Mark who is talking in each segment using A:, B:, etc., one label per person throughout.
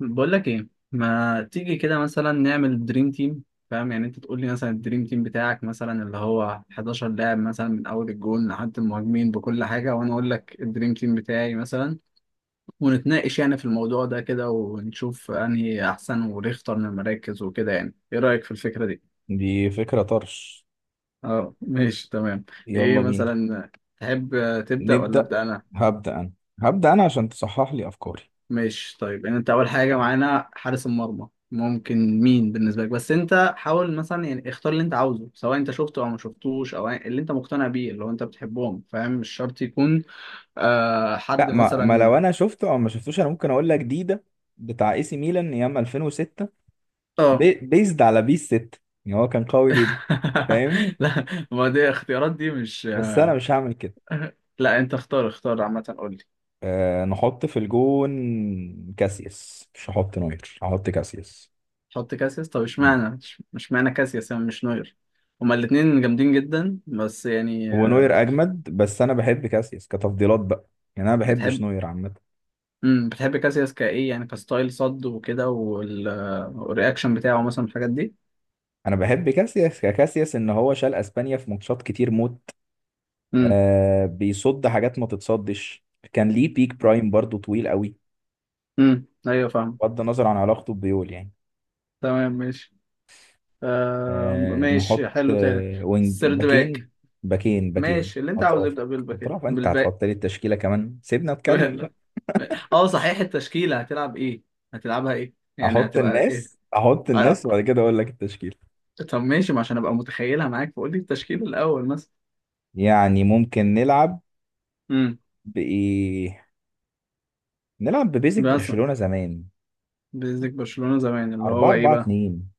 A: بقول لك ايه، ما تيجي كده مثلا نعمل دريم تيم؟ فاهم؟ يعني انت تقول لي مثلا الدريم تيم بتاعك مثلا اللي هو 11 لاعب مثلا من اول الجون لحد المهاجمين بكل حاجه، وانا اقول لك الدريم تيم بتاعي مثلا ونتناقش يعني في الموضوع ده كده ونشوف انهي احسن ونختار من المراكز وكده. يعني ايه رايك في الفكره دي؟
B: دي فكرة طرش.
A: اه ماشي تمام. ايه
B: يلا بينا.
A: مثلا؟ تحب تبدا ولا
B: نبدأ.
A: ابدا انا؟
B: هبدأ أنا. هبدأ أنا عشان تصحح لي أفكاري.
A: ماشي طيب. يعني انت اول حاجه معانا حارس المرمى، ممكن مين بالنسبه لك؟ بس انت حاول مثلا يعني اختار اللي انت عاوزه، سواء انت شفته او ما شفتوش او اللي انت مقتنع بيه، اللي هو انت بتحبهم. فاهم؟ مش شرط يكون. حد
B: لا، ما لو
A: مثلا.
B: أنا شفته أو ما شفتوش أنا ممكن أقول لك جديدة. بتاع إي سي ميلان أيام 2006.
A: اه.
B: بيزد على بيس 6. يعني هو كان قوي جدا. فاهم؟
A: لا، ما دي اختيارات دي مش.
B: بس أنا مش هعمل كده.
A: لا انت اختار عامه قول لي.
B: أه، نحط في الجون كاسياس. مش هحط نوير، هحط كاسياس.
A: حط كاسياس، طب
B: مم.
A: اشمعنى؟ مش معنى كاسياس يعني مش نوير، هما الاثنين جامدين جدا. بس يعني
B: هو نوير أجمد بس أنا بحب كاسياس كتفضيلات بقى. يعني أنا ما بحبش
A: بتحب.
B: نوير عامة.
A: بتحب كاسياس كايه يعني، كستايل صد وكده والرياكشن بتاعه مثلا، الحاجات دي.
B: انا بحب كاسياس. كاسياس ان هو شال اسبانيا في ماتشات كتير موت.
A: امم.
B: آه، بيصد حاجات ما تتصدش. كان ليه بيك برايم برضو طويل قوي.
A: ايوه فاهم.
B: بغض النظر عن علاقته ببيول يعني.
A: تمام ماشي. آه
B: آه
A: ماشي
B: نحط،
A: حلو، تاني؟
B: آه وينج
A: السيرد
B: باكين.
A: باك.
B: باكين باكين
A: ماشي، اللي انت عاوز يبدأ
B: اطرافك.
A: بالباك إيه؟
B: اطراف. انت
A: بالباك.
B: هتحط لي التشكيله كمان؟ سيبنا اتكلم بقى.
A: اه صحيح، التشكيلة هتلعب ايه؟ هتلعبها ايه يعني؟
B: احط
A: هتبقى ايه؟
B: الناس، احط
A: آه.
B: الناس وبعد كده اقول لك التشكيله.
A: طب ماشي، ما عشان ابقى متخيلها معاك فقول لي التشكيل الاول مثلا.
B: يعني ممكن نلعب
A: امم.
B: بايه. نلعب ببيزك
A: مثلا
B: برشلونه زمان.
A: بيزك برشلونة زمان اللي
B: 4
A: هو ايه
B: 4
A: بقى؟
B: 2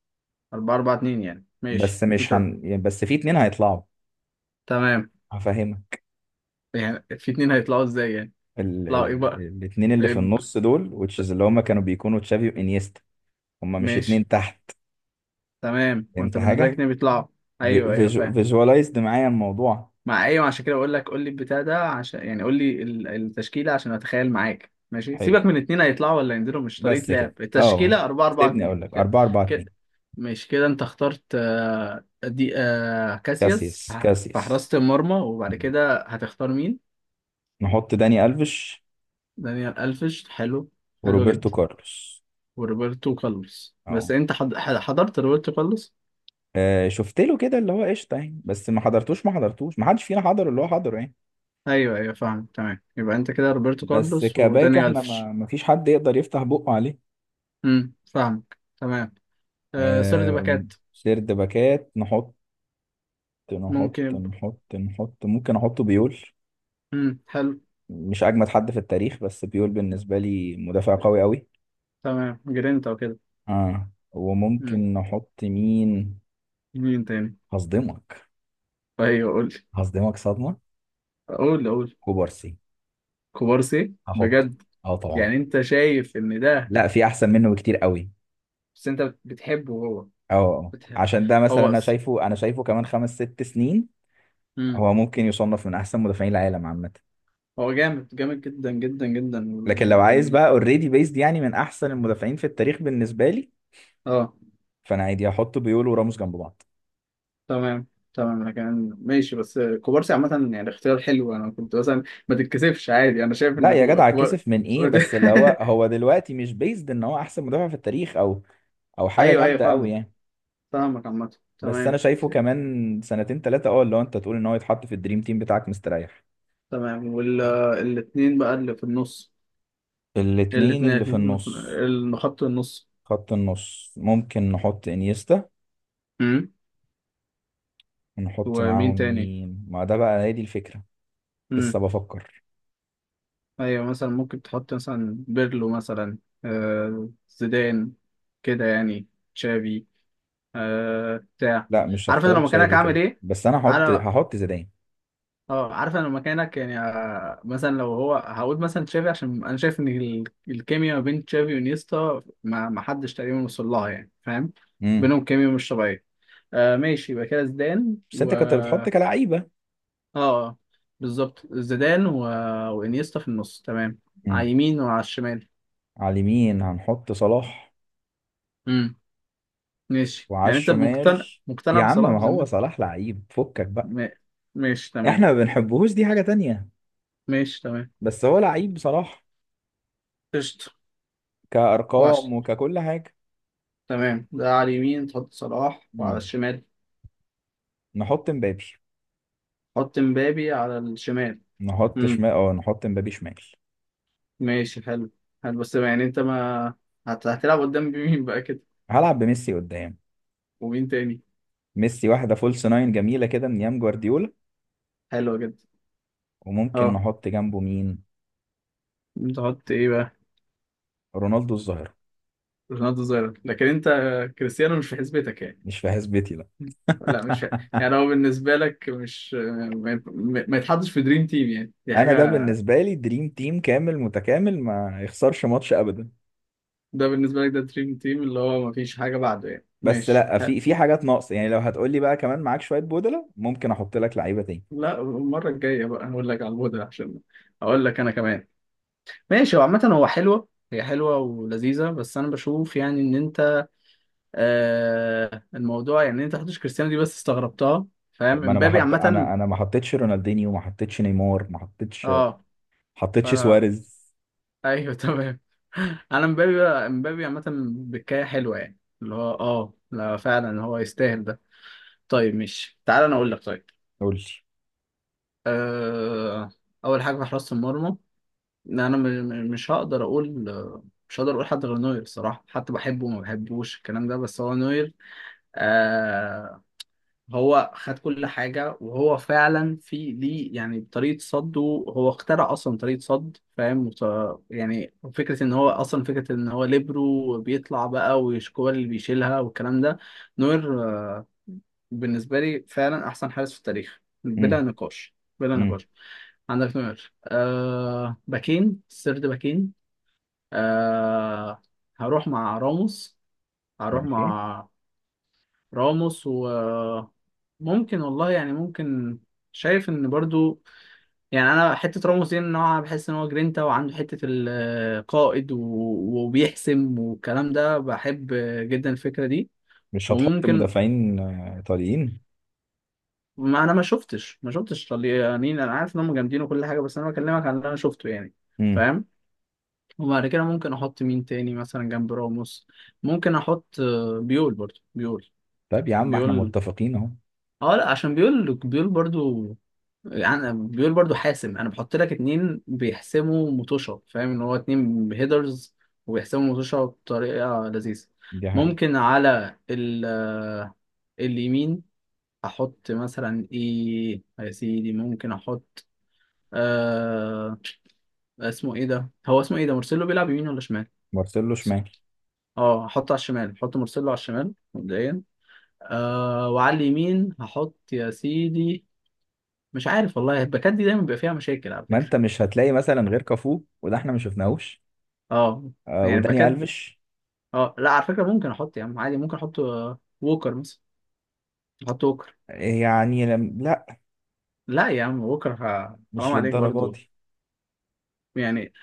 A: 4 4 2. يعني
B: بس
A: ماشي
B: مش
A: انت.
B: هن يعني، بس في اتنين هيطلعوا.
A: تمام.
B: هفهمك.
A: يعني في اتنين هيطلعوا ازاي يعني؟ يطلعوا ايه بقى؟
B: الاتنين اللي
A: ايه
B: في
A: بقى؟
B: النص دول which is اللي هما كانوا بيكونوا تشافي وانيستا. هما مش
A: ماشي.
B: اتنين تحت؟
A: تمام،
B: فهمت
A: وانت بالنسبه لك
B: حاجة؟
A: اتنين بيطلعوا. ايوه ايوه فاهم.
B: فيجوالايزد معايا الموضوع.
A: مع ايوه، عشان كده بقول لك قول لي البتاع ده، عشان يعني قول لي التشكيله عشان اتخيل معاك. ماشي،
B: حلو،
A: سيبك من اتنين هيطلعوا ولا ينزلوا، مش
B: بس
A: طريقه
B: كده
A: لعب
B: اه،
A: التشكيله 4 4
B: سيبني
A: 2
B: اقول لك
A: كده.
B: 4 4
A: كده
B: 2
A: ماشي. كده انت اخترت دي كاسياس في
B: كاسياس
A: في
B: كاسياس.
A: حراسه المرمى، وبعد
B: مم.
A: كده هتختار مين؟
B: نحط داني الفيش
A: دانيال الفيش، حلو. حلو
B: وروبرتو
A: جدا.
B: كارلوس.
A: وروبرتو كارلوس، بس
B: اهو.
A: انت حضرت روبرتو كارلوس؟
B: آه، شفت له كده اللي هو قشطه يعني، بس ما حضرتوش، ما حضرتوش، ما حدش فينا حضر اللي هو حضره يعني.
A: ايوه ايوه فاهم. تمام، يبقى انت كده روبرتو
B: بس
A: كارلوس
B: كباك،
A: وداني
B: احنا ما
A: الفش.
B: ما فيش حد يقدر يفتح بقه عليه.
A: فاهمك. تمام، آه سير باكات.
B: سيرد باكات نحط. نحط
A: ممكن يبقى.
B: نحط نحط ممكن احط بيول.
A: حلو.
B: مش اجمد حد في التاريخ بس بيول بالنسبه لي مدافع قوي قوي.
A: تمام، جرينتا وكده.
B: اه،
A: امم.
B: وممكن نحط مين؟
A: مين تاني؟
B: هصدمك.
A: ايوه قول لي.
B: هصدمك صدمه.
A: قول قول.
B: كوبارسي.
A: كوبارسي؟
B: هحطه.
A: بجد؟
B: اه طبعا.
A: يعني انت شايف ان ده.
B: لا، في احسن منه بكتير قوي.
A: بس انت بتحبه هو.
B: اه. آه. آه.
A: بتحب.
B: عشان ده مثلا
A: هو.
B: انا شايفه كمان خمس ست سنين
A: امم.
B: هو ممكن يصنف من احسن مدافعين العالم عامه.
A: هو جامد جامد جدا جدا جدا
B: لكن لو عايز بقى اوريدي بيزد يعني، من احسن المدافعين في التاريخ بالنسبه لي
A: اه.
B: فانا عادي احط بيول وراموس جنب بعض.
A: تمام. تمام، لكن ماشي. بس كوبارسي عامة يعني اختيار حلو، انا كنت مثلا. ما تتكسفش عادي، انا شايف
B: لا
A: ان
B: يا جدع،
A: كوبار.
B: كسف من ايه؟ بس اللي هو هو دلوقتي مش بيزد ان هو احسن مدافع في التاريخ او او حاجه
A: ايوه ايوه
B: جامده قوي
A: فاهمك.
B: يعني.
A: فاهمك عامة.
B: بس انا
A: تمام.
B: شايفه كمان سنتين ثلاثه اه، اللي هو انت تقول ان هو يتحط في الدريم تيم بتاعك مستريح.
A: تمام، والاثنين بقى اللي في النص.
B: الاتنين
A: الاثنين
B: اللي في
A: اللي في
B: النص،
A: اللي خط النص.
B: خط النص، ممكن نحط انيستا
A: امم.
B: ونحط معاهم
A: ومين تاني؟
B: مين، ما ده بقى هي دي الفكره.
A: امم.
B: لسه بفكر.
A: ايوه مثلا ممكن تحط مثلا بيرلو مثلا، آه زيدان، كده يعني، تشافي، آه بتاع.
B: لا مش
A: عارف انا
B: هختار
A: لو مكانك
B: تشافي
A: هعمل
B: كده
A: ايه؟
B: بس انا هحط
A: انا.
B: هحط زيدان.
A: اه عارف انا لو مكانك يعني مثلا لو هو هقول مثلا تشافي، عشان انا شايف ان الكيميا ما بين تشافي ونيستا ما حدش تقريبا وصل لها، يعني فاهم.
B: امم.
A: بينهم كيميا مش طبيعيه. آه ماشي، يبقى كده زيدان
B: بس
A: و.
B: انت كنت بتحط كلعيبه.
A: اه بالظبط، زيدان و. وانيستا في النص تمام، على
B: امم.
A: اليمين وعلى الشمال.
B: على اليمين هنحط صلاح.
A: امم ماشي.
B: وعلى
A: يعني انت
B: الشمال.
A: مقتنع مقتنع
B: يا عم
A: بصلاح
B: ما هو
A: بذمتك؟
B: صلاح لعيب فكك بقى.
A: ما- ماشي تمام.
B: احنا ما بنحبهوش، دي حاجة تانية.
A: ماشي تمام.
B: بس هو لعيب بصراحة.
A: قشطة.
B: كأرقام
A: وعشرة.
B: وككل حاجة.
A: تمام، ده على اليمين تحط صلاح، وعلى
B: مم.
A: الشمال
B: نحط مبابي.
A: حط مبابي على الشمال.
B: نحط
A: امم
B: شمال، اه نحط مبابي شمال.
A: ماشي حلو. حلو، بس يعني انت ما. هتلعب قدام مين بقى كده؟
B: هلعب بميسي قدام.
A: ومين تاني؟
B: ميسي واحدة فولس ناين جميلة كده من ايام جوارديولا.
A: حلو جدا.
B: وممكن
A: اه
B: نحط جنبه مين؟
A: تحط ايه بقى؟
B: رونالدو الظاهرة.
A: رونالدو ظاهرة، لكن انت. كريستيانو مش في حسبتك يعني؟
B: مش في حسبتي لا.
A: لا مش يعني هو بالنسبة لك مش. ما, ما يتحطش في دريم تيم يعني، دي
B: انا
A: حاجة.
B: ده بالنسبة لي دريم تيم كامل متكامل ما يخسرش ماتش ابدا.
A: ده بالنسبة لك ده دريم تيم اللي هو ما فيش حاجة بعده يعني،
B: بس
A: ماشي
B: لا،
A: حلو.
B: في حاجات ناقصه يعني. لو هتقول لي بقى كمان معاك شويه بودلة ممكن احط لك لعيبه تاني.
A: لا، المرة الجاية بقى هقول لك على الهدى عشان اقول لك انا كمان. ماشي، هو عامة هو حلوة هي حلوة ولذيذة، بس أنا بشوف يعني إن أنت. آه الموضوع يعني إن أنت حطيتش كريستيانو دي، بس استغربتها.
B: طب
A: فاهم،
B: ما انا ما
A: امبابي
B: حط،
A: عامة.
B: انا ما حطيتش رونالدينيو، ما حطيتش نيمار، ما حطيتش
A: أه.
B: حطيتش
A: فأنا.
B: سواريز.
A: أيوه تمام. أنا امبابي بقى، امبابي عامة بكاية حلوة يعني، اللي هو أه لا فعلا هو يستاهل ده. طيب مش تعال أنا أقول لك؟ طيب.
B: قول لي.
A: آه، أول حاجة في حراسة المرمى، إن أنا مش هقدر أقول. مش هقدر أقول حد غير نوير الصراحة، حتى بحبه وما بحبوش الكلام ده، بس هو نوير. آه. هو خد كل حاجة، وهو فعلا في ليه يعني طريقة صده. هو اخترع أصلا طريقة صد فاهم، يعني فكرة إن هو أصلا، فكرة إن هو ليبرو بيطلع بقى والكور اللي بيشيلها والكلام ده. نوير، بالنسبة لي فعلا أحسن حارس في التاريخ بلا
B: امم.
A: نقاش. بلا
B: امم
A: نقاش. عندك نوير، آه باكين سيرد باكين. آه هروح مع راموس. هروح
B: ماشي.
A: مع راموس، وممكن والله يعني ممكن. شايف ان برضو يعني، انا حته راموس دي نوعا بحس ان هو جرينتا وعنده حته القائد وبيحسم والكلام ده، بحب جدا الفكره دي.
B: مش هتحط
A: وممكن.
B: مدافعين ايطاليين؟
A: ما انا ما شفتش طليانين، انا عارف ان هم جامدين وكل حاجه، بس انا بكلمك عن اللي انا شفته يعني،
B: امم.
A: فاهم. وبعد كده ممكن احط مين تاني مثلا جنب راموس. ممكن احط بيول. برضو بيول.
B: طيب يا عم احنا
A: بيول،
B: متفقين اهو.
A: اه لا عشان بيقول برضو، يعني بيقول برضو حاسم، انا بحط لك اتنين بيحسموا مطوشه، فاهم ان هو اتنين هيدرز وبيحسموا مطوشه بطريقه لذيذه.
B: دي حقيقة.
A: ممكن على ال اليمين احط مثلا ايه يا سيدي؟ ممكن احط آه اسمه ايه ده، هو اسمه ايه ده، مرسلو؟ بيلعب يمين ولا شمال؟
B: مارسيلو شمال.
A: اه هحطه على الشمال، هحط مرسلو على الشمال مبدئيا. آه وعلى اليمين هحط يا سيدي. مش عارف والله، الباكات دي دايما بيبقى فيها مشاكل على
B: ما
A: فكره.
B: انت مش هتلاقي مثلا غير كافو وده احنا ما شفناهوش.
A: اه
B: آه
A: يعني
B: وداني
A: الباكات.
B: الفيش.
A: اه لا على فكرة ممكن احط يا عم عادي، ممكن احط ووكر مثلا، احط ووكر.
B: يعني لم... لا،
A: لا يا عم ووكر حرام
B: مش
A: عليك
B: للدرجه
A: برضو،
B: دي.
A: يعني.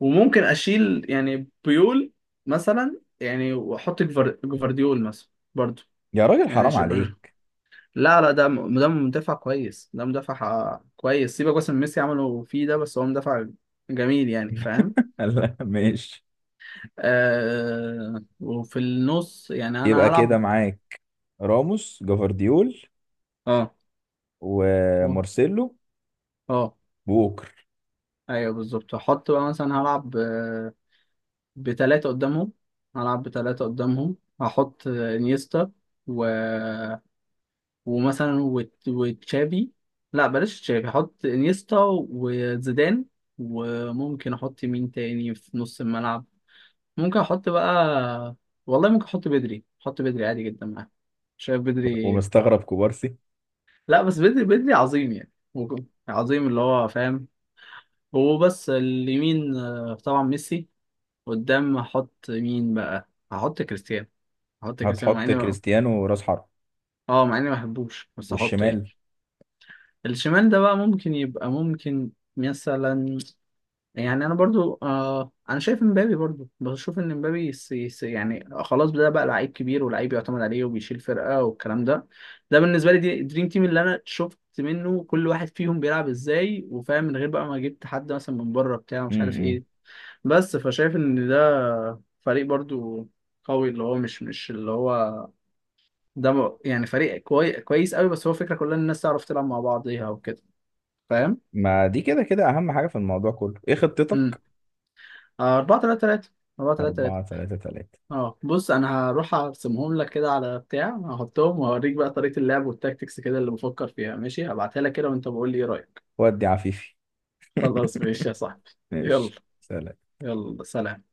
A: وممكن اشيل يعني بيول مثلا، يعني واحط جفارديول مثلا برضو.
B: يا راجل
A: يعني
B: حرام عليك.
A: لا لا، ده ده مدافع كويس، ده مدافع كويس، سيبك بس من ميسي عمله فيه ده، بس هو مدافع جميل يعني فاهم.
B: لا ماشي.
A: آه وفي النص يعني انا
B: يبقى كده
A: هلعب.
B: معاك راموس جفارديول
A: اه و-
B: ومارسيلو
A: اه.
B: ووكر.
A: ايوه بالظبط، هحط بقى مثلا هلعب بتلاتة قدامهم. هلعب بتلاتة قدامهم، هحط انيستا و. ومثلا وتشابي. لا بلاش تشابي، هحط انيستا وزيدان. وممكن احط مين تاني في نص الملعب؟ ممكن احط بقى. والله ممكن احط بدري، احط بدري عادي جدا معاه، شايف بدري؟
B: ومستغرب كوبارسي.
A: لا بس بدري بدري عظيم يعني عظيم اللي هو فاهم. هو بس اليمين طبعا ميسي. قدام هحط مين بقى؟ هحط كريستيانو، احط كريستيانو مع
B: هتحط
A: اني.
B: كريستيانو راس حرب؟
A: اه مع اني ما بحبوش بس احطه يعني.
B: والشمال؟
A: الشمال ده بقى ممكن يبقى ممكن مثلا. يعني انا برضو آه، انا شايف امبابي برضو، بشوف ان امبابي يعني خلاص، ده بقى لعيب كبير ولعيب يعتمد عليه وبيشيل فرقة والكلام ده. ده بالنسبة لي دي دريم تيم اللي انا شفت منه كل واحد فيهم بيلعب ازاي وفاهم، من غير بقى ما جبت حد مثلا من بره بتاع مش عارف
B: امم.
A: ايه. بس فشايف ان ده فريق برضو قوي، اللي هو مش مش اللي هو، ده يعني فريق كويس قوي، بس هو فكرة كلها ان الناس تعرف تلعب مع بعضيها وكده، فاهم.
B: ما دي كده كده اهم حاجة في الموضوع كله، ايه
A: امم.
B: خطتك؟
A: 4 3 3. 4 3 3.
B: 4-3-3.
A: اه بص، انا هروح ارسمهم لك كده على بتاع، هحطهم وهوريك بقى طريقة اللعب والتاكتكس كده اللي بفكر فيها، ماشي؟ هبعتها لك كده وانت بقول لي ايه رأيك.
B: ودي عفيفي.
A: خلاص ماشي يا صاحبي. يلا.
B: ماشي سلام.
A: يلا سلام.